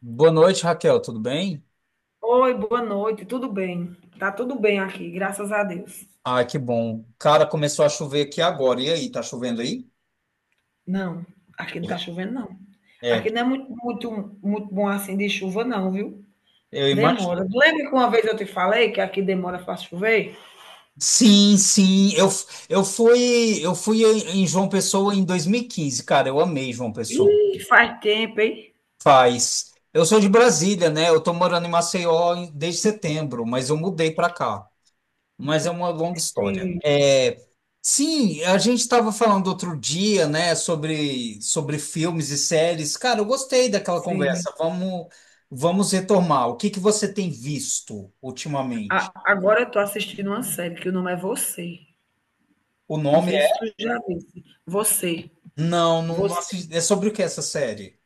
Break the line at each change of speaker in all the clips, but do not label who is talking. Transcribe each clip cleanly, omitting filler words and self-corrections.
Boa noite, Raquel, tudo bem?
Oi, boa noite, tudo bem? Tá tudo bem aqui, graças a Deus.
Ah, que bom. Cara, começou a chover aqui agora. E aí, tá chovendo aí?
Não, aqui não tá chovendo, não.
É,
Aqui não é muito, muito, muito bom assim de chuva, não, viu?
eu
Demora.
imagino.
Lembra que uma vez eu te falei que aqui demora para chover?
Sim, sim. Eu fui em João Pessoa em 2015. Cara. Eu amei João Pessoa.
Ih, faz tempo, hein?
Faz. Eu sou de Brasília, né? Eu tô morando em Maceió desde setembro, mas eu mudei pra cá. Mas é uma longa história.
Sim,
É, sim, a gente estava falando outro dia, né, sobre filmes e séries. Cara, eu gostei daquela
sim.
conversa. Vamos retomar. O que que você tem visto ultimamente?
Agora eu tô assistindo uma série que o nome é Você.
O
Não
nome
sei se
é.
tu já disse. Você.
Não, não, não
Você.
assisti- É sobre o que essa série?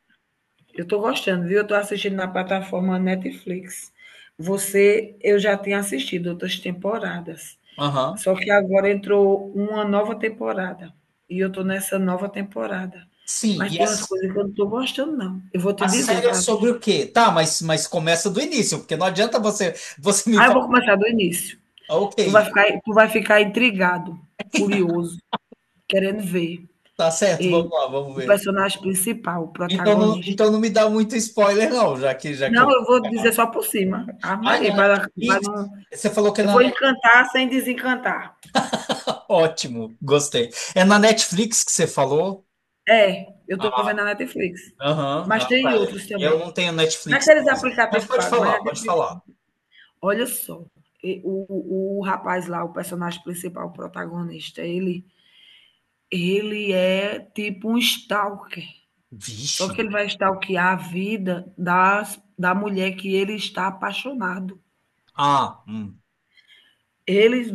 Eu tô gostando, viu? Eu tô assistindo na plataforma Netflix. Você, eu já tinha assistido outras temporadas.
Aham.
Só que agora entrou uma nova temporada. E eu tô nessa nova temporada.
Sim,
Mas
e a,
tem umas coisas que eu não tô gostando, não. Eu vou te
a
dizer,
série é sobre o quê? Tá, mas começa do início, porque não adianta você me
eu
falar.
vou começar do início.
Ah, ok,
Tu vai ficar intrigado, curioso, querendo ver.
tá certo, vamos
E
lá, vamos
o
ver.
personagem principal, o
Então não,
protagonista.
então não me dá muito spoiler, não, já que
Não,
eu.
eu vou dizer só por cima. Ave
Ah, é na
Maria, para
Netflix?
não.
Você falou que é
Eu
na
vou
Netflix.
encantar sem desencantar.
Ótimo, gostei. É na Netflix que você falou?
É, eu estou vendo
Ah,
na Netflix.
aham.
Mas
Ah, tá.
tem outros
Eu
também.
não tenho Netflix, não.
Naqueles
Mas
aplicativos
pode
pagos, mas
falar,
na
pode
Netflix.
falar.
Olha só, o rapaz lá, o personagem principal, o protagonista, ele é tipo um stalker. Só
Vixe.
que ele vai stalkear a vida das, da mulher que ele está apaixonado.
Ah.
Eles,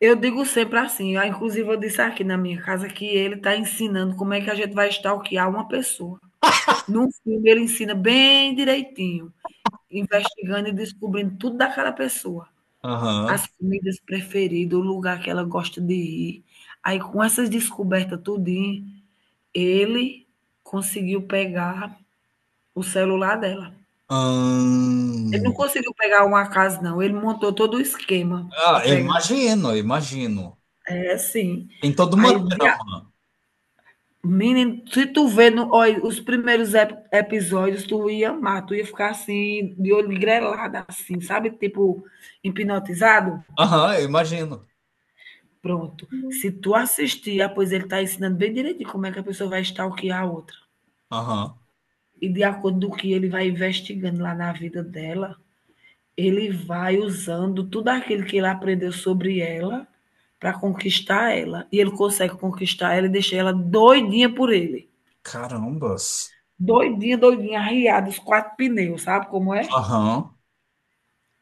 eu digo sempre assim, ah, inclusive eu disse aqui na minha casa que ele está ensinando como é que a gente vai stalkear uma pessoa. Num filme ele ensina bem direitinho, investigando e descobrindo tudo daquela pessoa,
Aham.
as comidas preferidas, o lugar que ela gosta de ir. Aí com essas descobertas tudinho, ele conseguiu pegar o celular dela. Ele não
Hum.
conseguiu pegar uma casa não, ele montou todo o esquema para
Ah, eu
pegar.
imagino, eu imagino.
É, sim.
Tem toda
Aí
uma
de
trama.
menino, se tu vê no, olha, os primeiros episódios, tu ia amar, tu ia ficar assim, de olho grelado, assim, sabe? Tipo, hipnotizado?
Aham, eu imagino.
Pronto. Se tu assistir, ah, pois ele está ensinando bem direitinho como é que a pessoa vai stalkear a outra.
Aham.
E de acordo com o que ele vai investigando lá na vida dela, ele vai usando tudo aquilo que ele aprendeu sobre ela para conquistar ela. E ele consegue conquistar ela e deixar ela doidinha por ele.
Carambas.
Doidinha, doidinha, arriada, os quatro pneus, sabe como é?
Aham.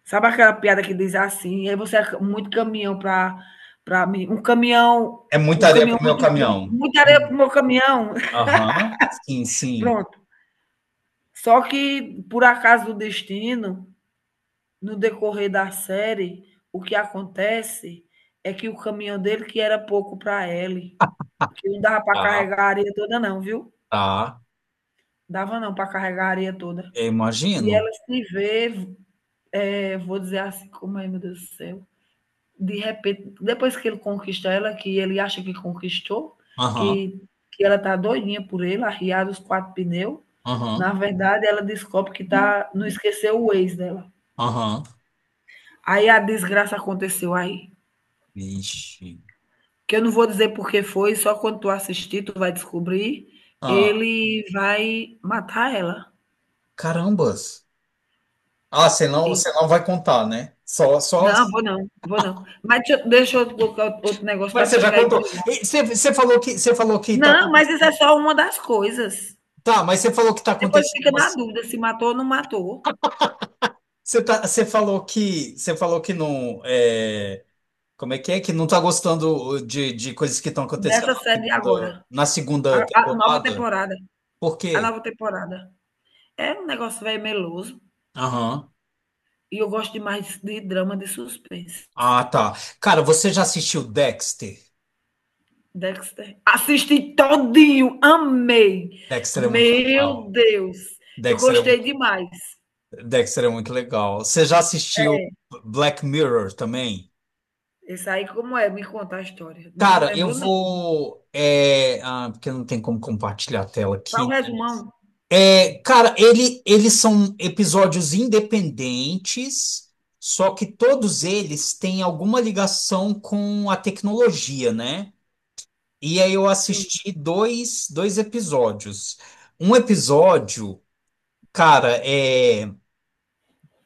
Sabe aquela piada que diz assim, e aí você é muito caminhão para mim,
É muita
um
areia
caminhão
pro meu
muito grande,
caminhão.
muita areia pro meu caminhão.
Aham. Sim, sim.
Pronto. Só que, por acaso do destino, no decorrer da série, o que acontece é que o caminhão dele, que era pouco para ele, que não dava para
Tá,
carregar a areia toda não, viu?
tá.
Dava não para carregar a areia toda.
Eu
E ela
imagino.
se vê. É, vou dizer assim, como é, meu Deus do céu. De repente, depois que ele conquista ela, que ele acha que conquistou,
Aham,
que, que ela tá doidinha por ele, arriada os quatro pneus, na
aham,
verdade ela descobre que tá, não esqueceu o ex dela.
aham.
Aí a desgraça aconteceu aí.
Vixe.
Que eu não vou dizer por que foi, só quando tu assistir tu vai descobrir.
Ah,
Ele vai matar ela.
carambas. Ah, você não,
E-
você não vai contar, né? Só, só.
Não, vou não, vou não. Mas deixa, deixa eu colocar outro negócio
Mas
para tu
você já
ficar
contou.
intrigado.
E Você, você falou que tá.
Não, mas isso é só uma das coisas.
Tá, mas você falou que tá
Depois
acontecendo,
fica na
umas-
dúvida se matou ou não matou,
Você falou que não. É, como é? Que não tá gostando de coisas que estão acontecendo
dessa série de agora.
na
A
segunda
a nova
temporada.
temporada,
Por
a
quê?
nova temporada. É um negócio velho meloso,
Aham.
e eu gosto demais de drama de suspense.
Ah, tá. Cara, você já assistiu Dexter?
Dexter. Assisti todinho, amei.
Dexter é muito
Meu
legal.
Deus, eu
Dexter é
gostei
muito,
demais.
Dexter é muito legal. Você já assistiu
É,
Black Mirror também?
esse aí como é? Me conta a história. Não
Cara, eu
lembro não.
vou. É, ah, porque não tem como compartilhar a tela
Para o
aqui, né?
resumão?
É, cara, eles são episódios independentes, só que todos eles têm alguma ligação com a tecnologia, né? E aí eu
Sim,
assisti dois episódios. Um episódio, cara, é.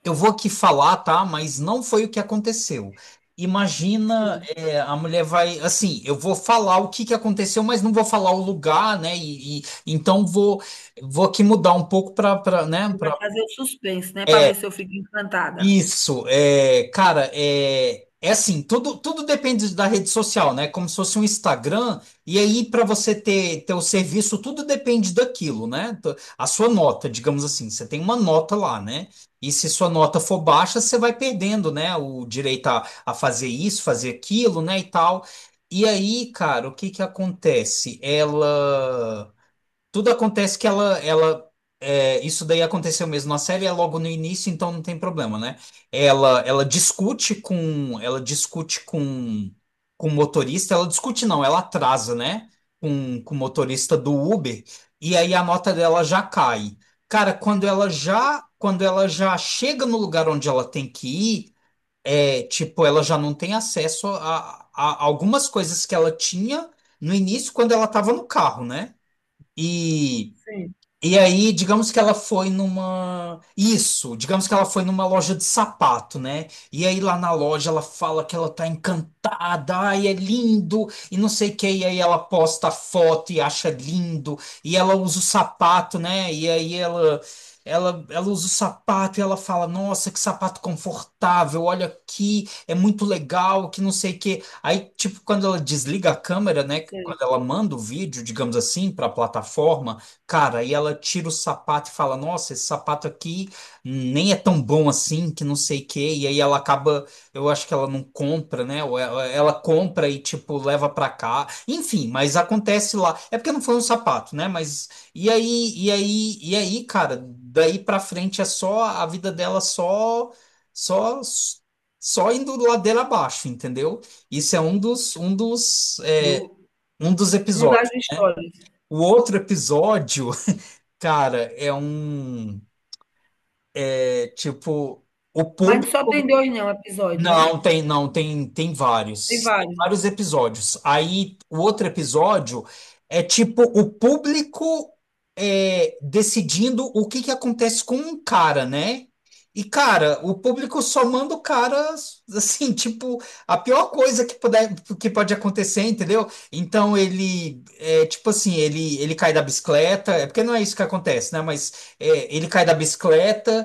Eu vou aqui falar, tá? Mas não foi o que aconteceu. Imagina,
sim.
é, a mulher vai, assim, eu vou falar o que que aconteceu, mas não vou falar o lugar, né? Então vou aqui mudar um pouco para, né?
Você vai fazer o suspense, né, para ver se eu fico encantada.
Isso, é, cara, é assim, tudo depende da rede social, né? Como se fosse um Instagram, e aí para você ter, ter o serviço, tudo depende daquilo, né? A sua nota, digamos assim, você tem uma nota lá, né? E se sua nota for baixa, você vai perdendo, né? O direito a fazer isso, fazer aquilo, né? E tal. E aí, cara, o que que acontece? Ela. Tudo acontece que ela é, isso daí aconteceu mesmo na série, é logo no início, então não tem problema, né? Ela discute com, com o motorista, ela discute não, ela atrasa, né? Com o motorista do Uber, e aí a nota dela já cai. Cara, quando ela já chega no lugar onde ela tem que ir, é, tipo, ela já não tem acesso a algumas coisas que ela tinha no início quando ela estava no carro, né? E
Sim,
e aí, digamos que ela foi numa. Isso, digamos que ela foi numa loja de sapato, né? E aí lá na loja ela fala que ela tá encantada, ai, é lindo, e não sei o que, e aí ela posta a foto e acha lindo, e ela usa o sapato, né? E aí ela. Ela usa o sapato e ela fala: Nossa, que sapato confortável, olha aqui, é muito legal, que não sei o quê. Aí, tipo, quando ela desliga a câmera, né?
sim.
Quando ela manda o vídeo, digamos assim, para a plataforma. Cara, e ela tira o sapato e fala: Nossa, esse sapato aqui nem é tão bom assim, que não sei o quê. E aí ela acaba, eu acho que ela não compra, né? Ou ela compra e, tipo, leva pra cá. Enfim, mas acontece lá. É porque não foi um sapato, né? Mas. E aí, cara, daí pra frente é só. A vida dela só. Só. Só indo ladeira abaixo, entendeu? Isso é um dos. Um dos. É,
Do
um dos
um
episódios.
das histórias.
O outro episódio. Cara, é um. É tipo. O
Mas só
público.
tem dois, não, episódio, não?
Não, tem, não, tem
Tem
vários. Tem
vários.
vários episódios. Aí, o outro episódio é tipo o público é, decidindo o que que acontece com um cara, né? E, cara, o público só manda o cara, assim, tipo, a pior coisa que puder, que pode acontecer, entendeu? Então, ele, é, tipo assim, ele cai da bicicleta, é porque não é isso que acontece, né? Mas é, ele cai da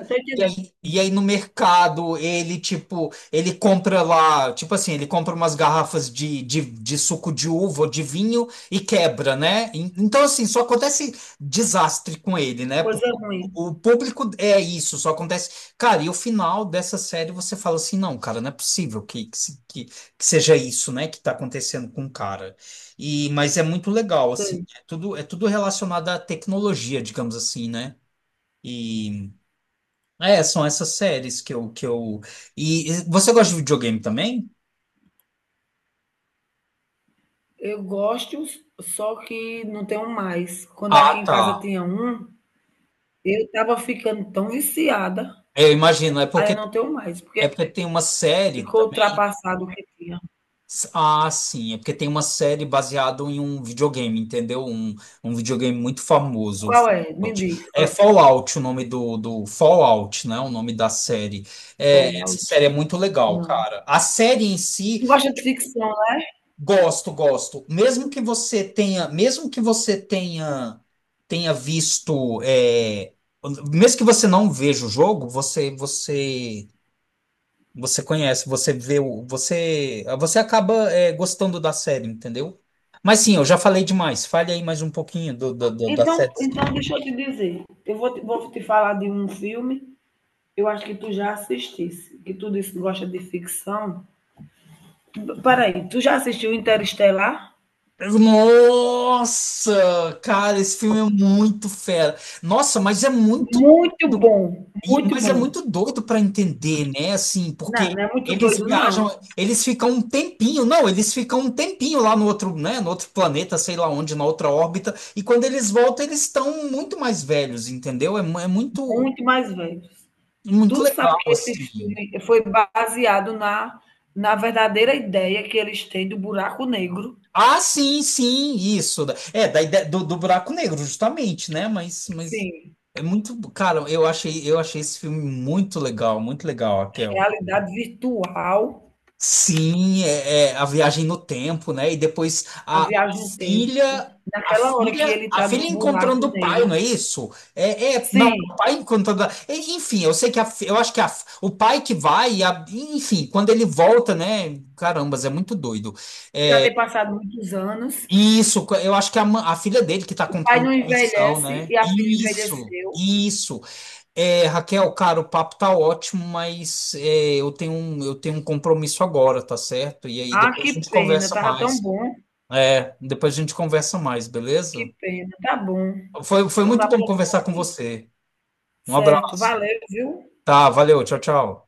Eu tô
E
entendendo.
aí, e aí no mercado ele tipo ele compra lá, tipo assim, ele compra umas garrafas de suco de uva ou de vinho e quebra, né? Então assim só acontece desastre com ele, né,
Coisa
porque o
ruim.
o público é isso, só acontece. Cara, e o final dessa série, você fala assim: Não, cara, não é possível que, se- que seja isso, né, que tá acontecendo com o cara. E mas é muito legal, assim,
Sei.
é tudo relacionado à tecnologia, digamos assim, né? E é, são essas séries que eu... E você gosta de videogame também?
Eu gosto, só que não tenho mais. Quando
Ah,
aqui em
tá.
casa tinha um, eu estava ficando tão viciada,
Eu imagino, é
aí
porque,
eu não tenho mais, porque
é porque tem uma série
ficou
também.
ultrapassado o que tinha.
Ah, sim, é porque tem uma série baseada em um videogame, entendeu? Um videogame muito famoso. O
Qual é? Me
Fallout.
diz.
É
É?
Fallout, o nome do Fallout, né? O nome da série. É, essa
Fallout.
série é muito legal,
Não.
cara. A série em
Tu
si.
gosta de ficção?
Gosto, gosto. Mesmo que você tenha visto, é, mesmo que você não veja o jogo, você conhece, você vê, você acaba, é, gostando da série, entendeu? Mas sim, eu já falei demais. Fale aí mais um pouquinho das
Então,
séries
então
que.
deixa eu te dizer. Eu vou te falar de um filme, eu acho que tu já assistisse, que tu disse que gosta de ficção. Peraí, tu já assistiu Interestelar?
Nossa, cara, esse filme é muito fera. Nossa, mas é muito.
Muito bom, muito
Mas é
bom.
muito doido para entender, né? Assim, porque
Não, não é muito
eles
doido, não.
viajam, eles ficam um tempinho, não, eles ficam um tempinho lá no outro, né? No outro planeta, sei lá onde, na outra órbita. E quando eles voltam, eles estão muito mais velhos, entendeu? É muito,
Muito mais velho.
muito
Tu sabe
legal,
que esse filme
assim.
foi baseado na, na verdadeira ideia que eles têm do buraco negro.
Ah, sim, sim, isso. É, da ideia do buraco negro, justamente, né? Mas
Sim,
é muito, cara, eu achei esse filme muito legal, Raquel.
realidade virtual,
Sim, é a viagem no tempo, né? E depois
a viagem no tempo.
filha, a
Naquela hora que
filha,
ele
a
está no
filha
buraco
encontrando o pai,
negro,
não é isso? É, não, o
sim,
pai encontrando. Enfim, eu sei que eu acho que o pai que vai, enfim, quando ele volta, né? Carambas, é muito doido.
já tem passado muitos anos,
Isso, eu acho que a filha dele que tá
o pai
controlando
não
a missão,
envelhece
né?
e a filha
Isso,
envelheceu.
isso. É, Raquel, cara, o papo tá ótimo, mas é, eu tenho um compromisso agora, tá certo? E aí
Ah,
depois
que
a gente
pena,
conversa
estava tão
mais.
bom,
É, depois a gente conversa mais, beleza?
que pena, tá bom.
Foi
Então
muito
da
bom
próxima
conversar com
vez.
você. Um
Certo,
abraço.
valeu, viu.
Tá, valeu, tchau, tchau.